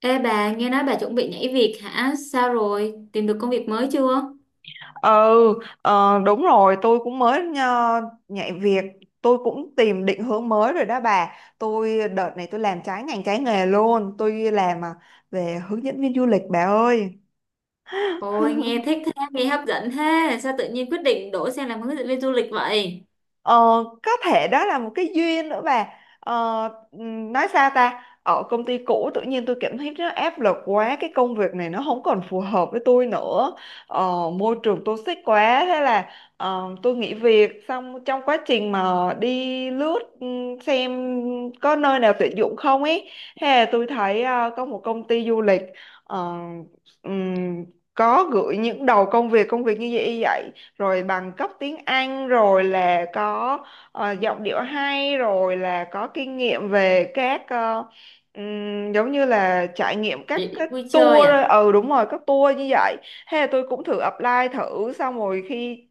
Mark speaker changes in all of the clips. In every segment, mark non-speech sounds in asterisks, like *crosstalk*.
Speaker 1: Ê bà, nghe nói bà chuẩn bị nhảy việc hả? Sao rồi? Tìm được công việc mới chưa?
Speaker 2: Ừ, đúng rồi, tôi cũng mới nhạy việc, tôi cũng tìm định hướng mới rồi đó bà. Tôi đợt này tôi làm trái ngành trái nghề luôn, tôi làm về hướng dẫn viên du lịch bà ơi.
Speaker 1: Ôi, nghe thích thế, nghe hấp dẫn thế. Sao tự nhiên quyết định đổ sang làm hướng dẫn viên du lịch vậy?
Speaker 2: Ờ, có thể đó là một cái duyên nữa bà. ờ, nói sao ta, ở công ty cũ tự nhiên tôi cảm thấy nó áp lực quá, cái công việc này nó không còn phù hợp với tôi nữa. Môi trường toxic quá, thế là tôi nghỉ việc. Xong trong quá trình mà đi lướt xem có nơi nào tuyển dụng không ấy, thế là tôi thấy có một công ty du lịch ờ, ừm, có gửi những đầu công việc như vậy vậy, rồi bằng cấp tiếng Anh, rồi là có giọng điệu hay, rồi là có kinh nghiệm về các giống như là trải nghiệm các
Speaker 1: Địa điểm
Speaker 2: các
Speaker 1: vui chơi
Speaker 2: tour. Ờ,
Speaker 1: à?
Speaker 2: ừ đúng rồi, các tour như vậy. Thế là tôi cũng thử apply thử. Xong rồi khi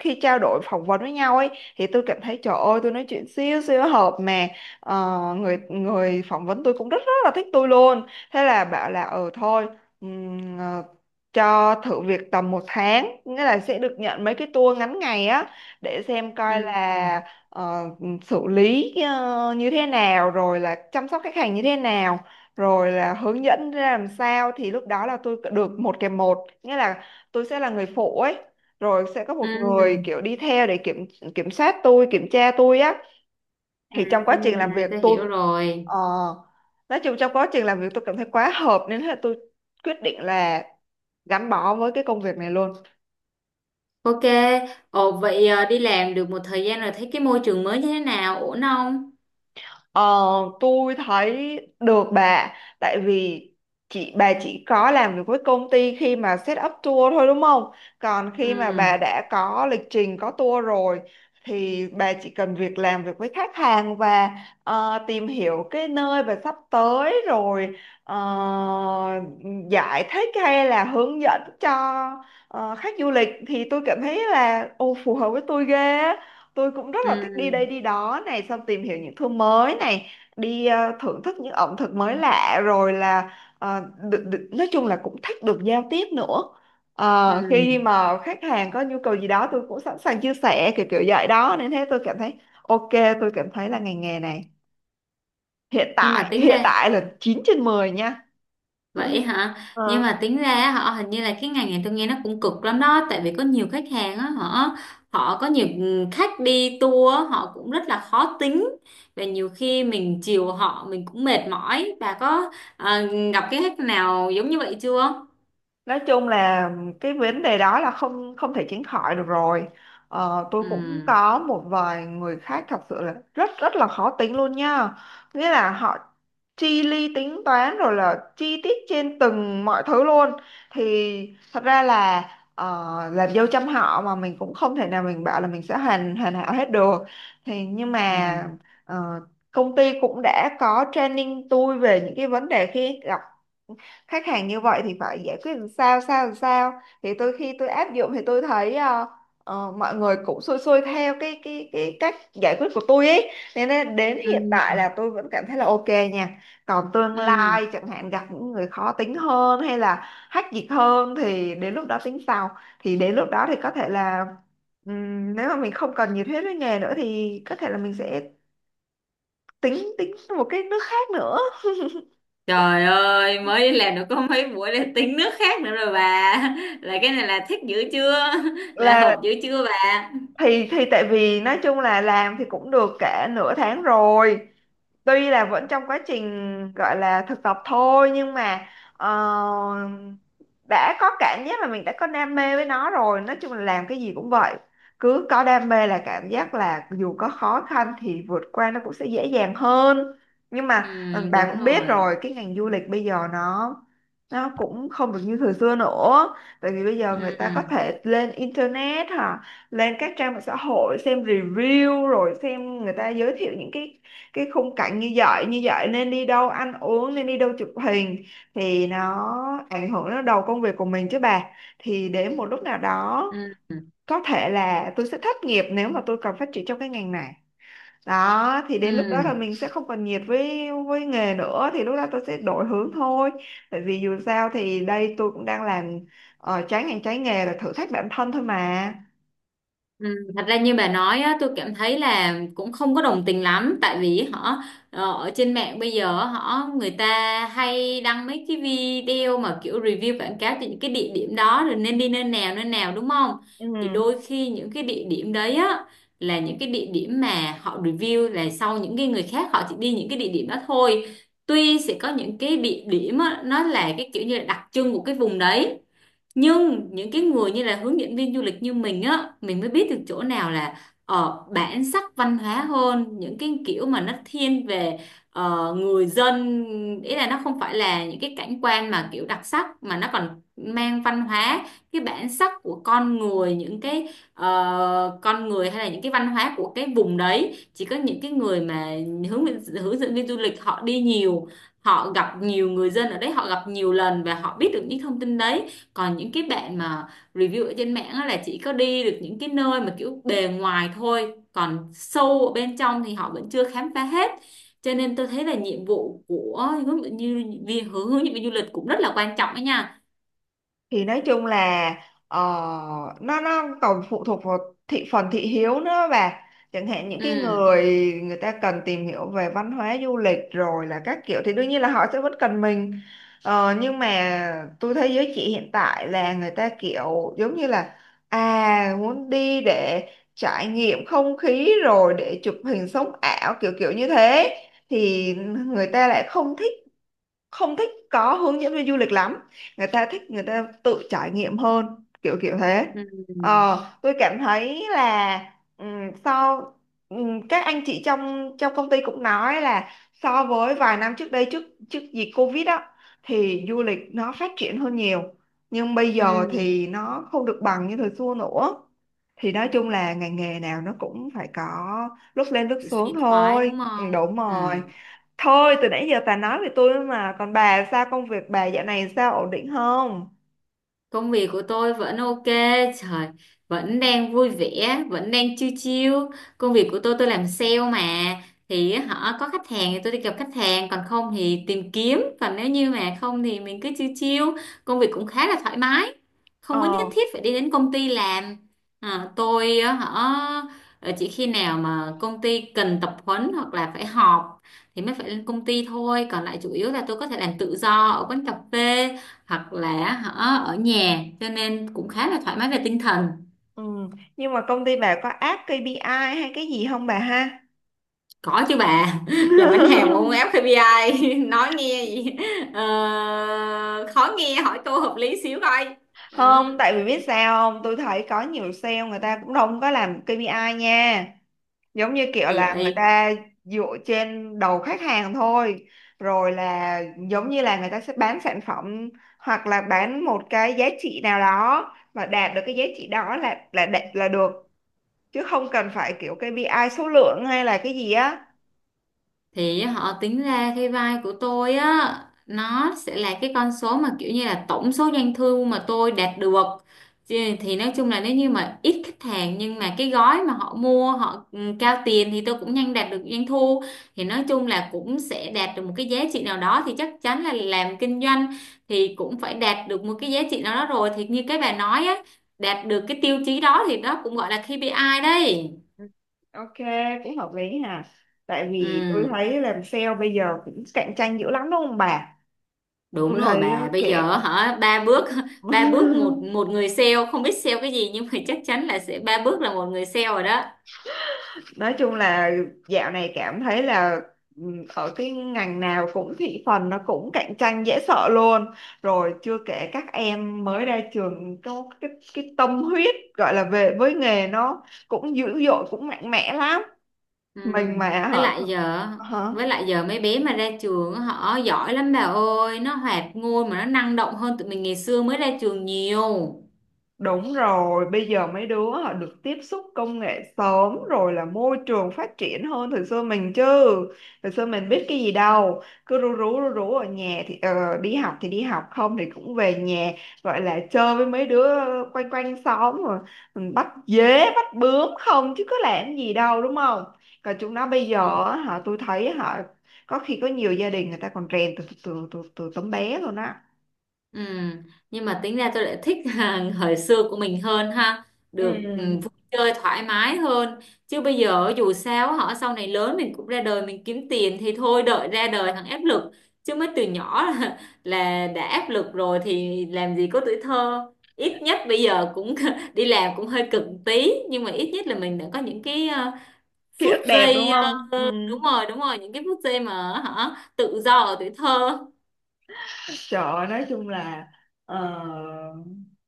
Speaker 2: khi trao đổi phỏng vấn với nhau ấy, thì tôi cảm thấy trời ơi tôi nói chuyện siêu siêu hợp mà. Người người phỏng vấn tôi cũng rất rất là thích tôi luôn. Thế là bảo là ừ thôi, ừm, ờ, cho thử việc tầm 1 tháng, nghĩa là sẽ được nhận mấy cái tour ngắn ngày á, để xem
Speaker 1: Ừ.
Speaker 2: coi là ờ, xử lý như thế nào, rồi là chăm sóc khách hàng như thế nào, rồi là hướng dẫn ra làm sao. Thì lúc đó là tôi được 1 kèm 1, nghĩa là tôi sẽ là người phụ ấy, rồi sẽ có một người
Speaker 1: Ừ.
Speaker 2: kiểu đi theo để kiểm kiểm soát tôi, kiểm tra tôi á.
Speaker 1: À,
Speaker 2: Thì trong quá trình làm
Speaker 1: à,
Speaker 2: việc
Speaker 1: tôi
Speaker 2: tôi
Speaker 1: hiểu rồi.
Speaker 2: ờ, nói chung trong quá trình làm việc tôi cảm thấy quá hợp, nên là tôi quyết định là gắn bó với cái công việc này luôn.
Speaker 1: Ok. Ồ, vậy đi làm được một thời gian rồi thấy cái môi trường mới như thế nào? Ổn không?
Speaker 2: Ờ, tôi thấy được bà, tại vì chị bà chỉ có làm việc với công ty khi mà set up tour thôi đúng không? Còn
Speaker 1: Ừ.
Speaker 2: khi mà bà đã có lịch trình có tour rồi thì bà chỉ cần việc làm việc với khách hàng và tìm hiểu cái nơi bà sắp tới, rồi ờ, giải thích hay là hướng dẫn cho khách du lịch, thì tôi cảm thấy là ô phù hợp với tôi ghê á. Tôi cũng rất là thích đi
Speaker 1: Ừ.
Speaker 2: đây đi đó này, xong tìm hiểu những thứ mới này, đi thưởng thức những ẩm thực mới lạ, rồi là ờ, được, được, nói chung là cũng thích được giao tiếp nữa.
Speaker 1: Ừ.
Speaker 2: Ờ, khi mà khách hàng có nhu cầu gì đó, tôi cũng sẵn sàng chia sẻ kiểu kiểu vậy đó, nên thế tôi cảm thấy ok, tôi cảm thấy là ngành nghề này hiện
Speaker 1: Nhưng mà
Speaker 2: tại
Speaker 1: tính
Speaker 2: hiện
Speaker 1: ra.
Speaker 2: tại là 9 trên 10 nha.
Speaker 1: Vậy
Speaker 2: *laughs*
Speaker 1: hả? Nhưng
Speaker 2: Ờ.
Speaker 1: mà tính ra á, họ hình như là cái ngành này tôi nghe nó cũng cực lắm đó, tại vì có nhiều khách hàng á, họ họ có nhiều khách đi tour á, họ cũng rất là khó tính và nhiều khi mình chiều họ mình cũng mệt mỏi. Bà có ờ, gặp cái khách nào giống như vậy chưa?
Speaker 2: Nói chung là cái vấn đề đó là không không thể tránh khỏi được rồi. Tôi cũng
Speaker 1: Ừ.
Speaker 2: có một vài người khác thật sự là rất rất là khó tính luôn nha, nghĩa là họ chi ly tính toán, rồi là chi tiết trên từng mọi thứ luôn. Thì thật ra là làm dâu trăm họ mà, mình cũng không thể nào mình bảo là mình sẽ hoàn hoàn hảo hết được. Thì nhưng
Speaker 1: Ừ.
Speaker 2: mà ờ, công ty cũng đã có training tôi về những cái vấn đề khi gặp khách hàng như vậy thì phải giải quyết làm sao. Thì tôi khi tôi áp dụng thì tôi thấy mọi người cũng xuôi xuôi theo cái cách giải quyết của tôi ấy, nên là đến
Speaker 1: Ừ.
Speaker 2: hiện tại là tôi vẫn cảm thấy là ok nha. Còn tương
Speaker 1: Ừ.
Speaker 2: lai chẳng hạn gặp những người khó tính hơn hay là hách dịch hơn thì đến lúc đó tính sau. Thì đến lúc đó thì có thể là nếu mà mình không còn nhiệt huyết với nghề nữa thì có thể là mình sẽ tính tính một cái nước khác nữa.
Speaker 1: Trời ơi, mới làm được có mấy buổi là tính nước khác nữa rồi bà. *laughs* Là cái này là thích dữ chưa? *laughs* Là
Speaker 2: Là
Speaker 1: hợp dữ chưa bà?
Speaker 2: thì, tại vì nói chung là làm thì cũng được cả nửa tháng rồi, tuy là vẫn trong quá trình gọi là thực tập thôi, nhưng mà ờ, đã có cảm giác là mình đã có đam mê với nó rồi. Nói chung là làm cái gì cũng vậy, cứ có đam mê là cảm giác là dù có khó khăn thì vượt qua nó cũng sẽ dễ dàng hơn. Nhưng
Speaker 1: Ừ,
Speaker 2: mà ừ, bà
Speaker 1: đúng
Speaker 2: cũng biết
Speaker 1: rồi.
Speaker 2: rồi, cái ngành du lịch bây giờ nó cũng không được như thời xưa nữa. Tại vì bây giờ người
Speaker 1: Ừ.
Speaker 2: ta có thể lên internet hả, lên các trang mạng xã hội xem review, rồi xem người ta giới thiệu những cái khung cảnh như vậy như vậy, nên đi đâu ăn uống, nên đi đâu chụp hình, thì nó ảnh hưởng đến đầu công việc của mình chứ bà. Thì đến một lúc nào đó
Speaker 1: Ừ,
Speaker 2: có thể là tôi sẽ thất nghiệp nếu mà tôi cần phát triển trong cái ngành này đó. Thì đến lúc đó là
Speaker 1: ừ,
Speaker 2: mình sẽ không còn nhiệt với nghề nữa thì lúc đó tôi sẽ đổi hướng thôi. Tại vì dù sao thì đây tôi cũng đang làm trái ngành trái nghề, là thử thách bản thân thôi mà.
Speaker 1: ừ. Thật ra như bà nói á, tôi cảm thấy là cũng không có đồng tình lắm, tại vì họ ở trên mạng bây giờ họ người ta hay đăng mấy cái video mà kiểu review quảng cáo cho những cái địa điểm đó rồi nên đi nơi nào đúng không,
Speaker 2: Ừ,
Speaker 1: thì đôi khi những cái địa điểm đấy á là những cái địa điểm mà họ review, là sau những cái người khác họ chỉ đi những cái địa điểm đó thôi. Tuy sẽ có những cái địa điểm á, nó là cái kiểu như là đặc trưng của cái vùng đấy, nhưng những cái người như là hướng dẫn viên du lịch như mình á, mình mới biết được chỗ nào là bản sắc văn hóa hơn, những cái kiểu mà nó thiên về người dân, ý là nó không phải là những cái cảnh quan mà kiểu đặc sắc, mà nó còn mang văn hóa, cái bản sắc của con người, những cái con người hay là những cái văn hóa của cái vùng đấy. Chỉ có những cái người mà hướng hướng dẫn viên du lịch họ đi nhiều, họ gặp nhiều người dân ở đấy, họ gặp nhiều lần và họ biết được những thông tin đấy. Còn những cái bạn mà review ở trên mạng á là chỉ có đi được những cái nơi mà kiểu bề ngoài thôi, còn sâu ở bên trong thì họ vẫn chưa khám phá hết. Cho nên tôi thấy là nhiệm vụ của hướng dẫn, như vì hướng hướng dẫn viên du lịch cũng rất là quan trọng đó nha.
Speaker 2: thì nói chung là ờ, nó còn phụ thuộc vào thị phần thị hiếu nữa bà. Chẳng hạn những cái
Speaker 1: Ừ.
Speaker 2: người người ta cần tìm hiểu về văn hóa du lịch rồi là các kiểu, thì đương nhiên là họ sẽ vẫn cần mình. Ờ, nhưng mà tôi thấy giới trẻ hiện tại là người ta kiểu giống như là à muốn đi để trải nghiệm không khí, rồi để chụp hình sống ảo kiểu kiểu như thế, thì người ta lại không thích, không thích có hướng dẫn viên du lịch lắm. Người ta thích người ta tự trải nghiệm hơn kiểu kiểu thế.
Speaker 1: Ừ.
Speaker 2: Tôi cảm thấy là ừm, so các anh chị trong trong công ty cũng nói là so với vài năm trước đây, trước trước dịch Covid á, thì du lịch nó phát triển hơn nhiều, nhưng bây giờ
Speaker 1: Ừ.
Speaker 2: thì nó không được bằng như thời xưa nữa. Thì nói chung là ngành nghề nào nó cũng phải có lúc lên lúc
Speaker 1: Sự
Speaker 2: xuống
Speaker 1: suy thoái
Speaker 2: thôi.
Speaker 1: đúng
Speaker 2: Ừ,
Speaker 1: không?
Speaker 2: đúng
Speaker 1: Ừ.
Speaker 2: rồi. Thôi từ nãy giờ bà nói về tôi mà. Còn bà sao, công việc bà dạo này sao, ổn định không?
Speaker 1: Công việc của tôi vẫn ok, trời, vẫn đang vui vẻ, vẫn đang chill chill. Công việc của tôi làm sale mà, thì họ có khách hàng thì tôi đi gặp khách hàng, còn không thì tìm kiếm, còn nếu như mà không thì mình cứ chill chill. Công việc cũng khá là thoải mái, không có nhất
Speaker 2: Ờ
Speaker 1: thiết phải đi đến công ty làm. À, tôi á, họ chỉ khi nào mà công ty cần tập huấn hoặc là phải họp thì mới phải lên công ty thôi, còn lại chủ yếu là tôi có thể làm tự do ở quán cà phê hoặc là hả, ở nhà, cho nên cũng khá là thoải mái về tinh thần.
Speaker 2: ừ. Nhưng mà công ty bà có áp KPI hay cái gì không bà ha?
Speaker 1: Có chứ bà, *laughs* làm bánh hàng mà không
Speaker 2: *laughs*
Speaker 1: ép ca pê. I *laughs* nói nghe gì, ờ, khó nghe, hỏi câu hợp lý xíu coi. Ừ.
Speaker 2: Không, tại vì biết sao không, tôi thấy có nhiều sale người ta cũng không có làm KPI nha. Giống như kiểu
Speaker 1: Gì
Speaker 2: là người
Speaker 1: vậy?
Speaker 2: ta dựa trên đầu khách hàng thôi. Rồi là giống như là người ta sẽ bán sản phẩm, hoặc là bán một cái giá trị nào đó, mà đạt được cái giá trị đó là đạt là được, chứ không cần phải kiểu KPI số lượng hay là cái gì á.
Speaker 1: Thì họ tính ra cái vai của tôi á, nó sẽ là cái con số mà kiểu như là tổng số doanh thu mà tôi đạt được. Thì nói chung là nếu như mà ít khách hàng nhưng mà cái gói mà họ mua họ cao tiền thì tôi cũng nhanh đạt được doanh thu. Thì nói chung là cũng sẽ đạt được một cái giá trị nào đó, thì chắc chắn là làm kinh doanh thì cũng phải đạt được một cái giá trị nào đó rồi, thì như cái bà nói á, đạt được cái tiêu chí đó thì đó cũng gọi là KPI đấy.
Speaker 2: Ừ, ok, cũng hợp lý hà. Tại vì tôi
Speaker 1: Ừ.
Speaker 2: thấy làm sale bây giờ cũng cạnh tranh dữ lắm đúng không bà?
Speaker 1: Đúng
Speaker 2: Tôi
Speaker 1: rồi
Speaker 2: thấy
Speaker 1: bà, bây giờ
Speaker 2: kiểu
Speaker 1: hả, ba bước *laughs* ba bước, một một
Speaker 2: *laughs*
Speaker 1: người sale không biết sale cái gì nhưng mà chắc chắn là sẽ ba bước là một người sale rồi đó.
Speaker 2: nói chung là dạo này cảm thấy là ừ, ở cái ngành nào cũng thị phần nó cũng cạnh tranh dễ sợ luôn. Rồi chưa kể các em mới ra trường có cái tâm huyết gọi là về với nghề, nó cũng dữ dội cũng mạnh mẽ lắm.
Speaker 1: Ừ.
Speaker 2: Mình mà
Speaker 1: Với
Speaker 2: họ
Speaker 1: lại giờ
Speaker 2: hả.
Speaker 1: với lại giờ mấy bé mà ra trường á, họ giỏi lắm bà ơi, nó hoạt ngôn mà nó năng động hơn tụi mình ngày xưa mới ra trường nhiều.
Speaker 2: Đúng rồi, bây giờ mấy đứa họ được tiếp xúc công nghệ sớm, rồi là môi trường phát triển hơn thời xưa mình chứ. Thời xưa mình biết cái gì đâu, cứ rú rú rú rú ở nhà. Thì đi học thì đi học, không thì cũng về nhà, gọi là chơi với mấy đứa quanh quanh xóm, rồi mình bắt dế, bắt bướm không chứ có làm gì đâu đúng không? Còn chúng nó bây giờ á, họ tôi thấy họ có khi có nhiều gia đình người ta còn rèn từ từ từ từ, từ tấm bé luôn á.
Speaker 1: Ừ, nhưng mà tính ra tôi lại thích *laughs* hàng thời xưa của mình hơn, ha, được
Speaker 2: Ừ.
Speaker 1: vui chơi thoải mái hơn. Chứ bây giờ dù sao họ sau này lớn mình cũng ra đời mình kiếm tiền thì thôi đợi ra đời thằng áp lực, chứ mới từ nhỏ *laughs* là đã áp lực rồi thì làm gì có tuổi thơ. Ít nhất bây giờ cũng *laughs* đi làm cũng hơi cực tí nhưng mà ít nhất là mình đã có những cái
Speaker 2: Ký
Speaker 1: phút
Speaker 2: ức đẹp đúng
Speaker 1: giây
Speaker 2: không? Ừ.
Speaker 1: đúng rồi, đúng rồi, những cái phút giây mà hả tự do ở tuổi thơ.
Speaker 2: Trời ơi, nói chung là ờ,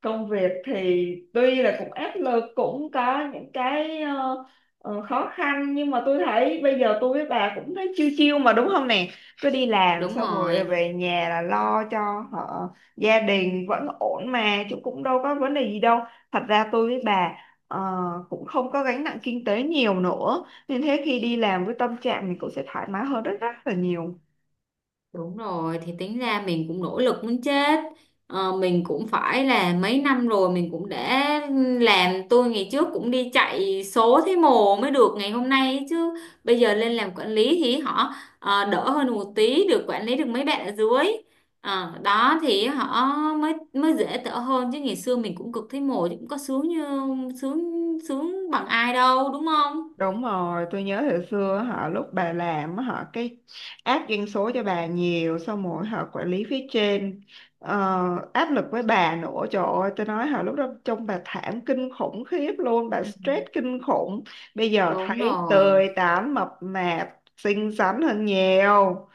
Speaker 2: công việc thì tuy là cũng áp lực, cũng có những cái khó khăn, nhưng mà tôi thấy bây giờ tôi với bà cũng thấy chiêu chiêu mà đúng không nè. Cứ đi làm
Speaker 1: Đúng
Speaker 2: xong rồi
Speaker 1: rồi.
Speaker 2: về nhà là lo cho họ gia đình vẫn ổn mà, chứ cũng đâu có vấn đề gì đâu. Thật ra tôi với bà ờ, cũng không có gánh nặng kinh tế nhiều nữa, nên thế khi đi làm với tâm trạng mình cũng sẽ thoải mái hơn rất rất là nhiều.
Speaker 1: Đúng rồi, thì tính ra mình cũng nỗ lực muốn chết. Ờ, mình cũng phải là mấy năm rồi mình cũng đã làm, tôi ngày trước cũng đi chạy số thấy mồ mới được ngày hôm nay ấy chứ. Bây giờ lên làm quản lý thì họ đỡ hơn một tí, được quản lý được mấy bạn ở dưới. Ờ, đó thì họ mới mới dễ thở hơn, chứ ngày xưa mình cũng cực thấy mồ chứ cũng có sướng như sướng sướng bằng ai đâu đúng không?
Speaker 2: Đúng rồi, tôi nhớ hồi xưa họ lúc bà làm á, họ cái áp doanh số cho bà nhiều, xong rồi họ quản lý phía trên áp lực với bà nữa, trời ơi tôi nói họ lúc đó trông bà thảm kinh khủng khiếp luôn, bà
Speaker 1: Ừ.
Speaker 2: stress kinh khủng. Bây giờ
Speaker 1: Đúng
Speaker 2: thấy
Speaker 1: rồi.
Speaker 2: tươi tắn mập mạp xinh xắn hơn nhiều,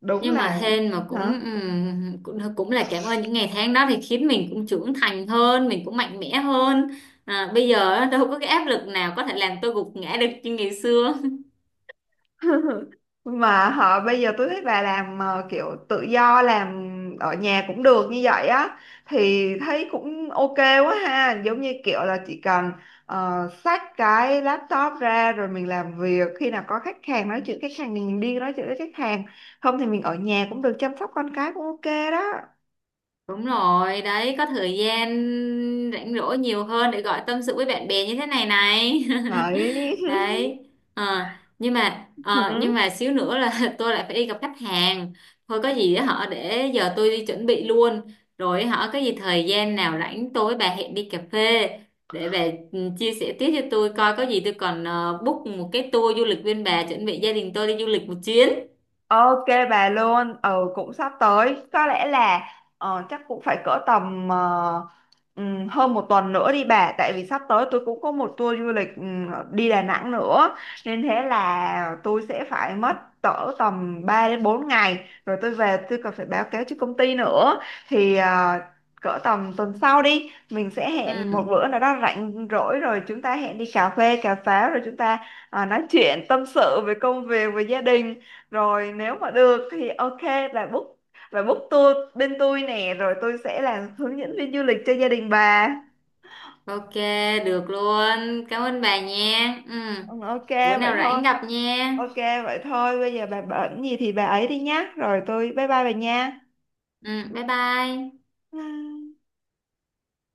Speaker 2: đúng
Speaker 1: Nhưng mà
Speaker 2: là
Speaker 1: hên mà cũng
Speaker 2: hả.
Speaker 1: cũng cũng là cảm ơn những ngày tháng đó, thì khiến mình cũng trưởng thành hơn, mình cũng mạnh mẽ hơn. À, bây giờ á, đâu có cái áp lực nào có thể làm tôi gục ngã được như ngày xưa.
Speaker 2: *laughs* Mà họ bây giờ tôi thấy bà làm kiểu tự do, làm ở nhà cũng được như vậy á, thì thấy cũng ok quá ha. Giống như kiểu là chỉ cần xách cái laptop ra rồi mình làm việc, khi nào có khách hàng nói chuyện khách hàng thì mình đi nói chuyện với khách hàng, không thì mình ở nhà cũng được, chăm sóc con cái cũng ok đó
Speaker 1: Đúng rồi, đấy, có thời gian rảnh rỗi nhiều hơn để gọi tâm sự với bạn bè như thế này này.
Speaker 2: đấy.
Speaker 1: *laughs* Đấy. Ờ, nhưng
Speaker 2: *laughs*
Speaker 1: mà xíu nữa là *laughs* tôi lại phải đi gặp khách hàng. Thôi có gì á họ để giờ tôi đi chuẩn bị luôn. Rồi họ có gì thời gian nào rảnh tôi với bà hẹn đi cà phê để bà chia sẻ tiếp cho tôi coi, có gì tôi còn book một cái tour du lịch bên bà, chuẩn bị gia đình tôi đi du lịch một chuyến.
Speaker 2: Ok bà luôn. Ừ cũng sắp tới, có lẽ là chắc cũng phải cỡ tầm hơn 1 tuần nữa đi bà, tại vì sắp tới tôi cũng có một tour du lịch đi Đà Nẵng nữa, nên thế là tôi sẽ phải mất cỡ tầm 3 đến 4 ngày, rồi tôi về tôi còn phải báo cáo cho công ty nữa. Thì cỡ tầm tuần sau đi, mình sẽ hẹn một
Speaker 1: Ừ.
Speaker 2: bữa nào đó rảnh rỗi rồi chúng ta hẹn đi cà phê, cà pháo, rồi chúng ta nói chuyện tâm sự về công việc, về gia đình. Rồi nếu mà được thì ok là book, là book tour bên tôi nè, rồi tôi sẽ làm hướng dẫn viên du lịch cho gia đình bà.
Speaker 1: Ok, được luôn. Cảm ơn bà nha. Ừ.
Speaker 2: Ừ, ok
Speaker 1: Bữa
Speaker 2: vậy
Speaker 1: nào
Speaker 2: thôi.
Speaker 1: rảnh gặp nha.
Speaker 2: Ok vậy thôi, bây giờ bà bận gì thì bà ấy đi nhá. Rồi tôi bye bye bà nha.
Speaker 1: Ừ, bye bye.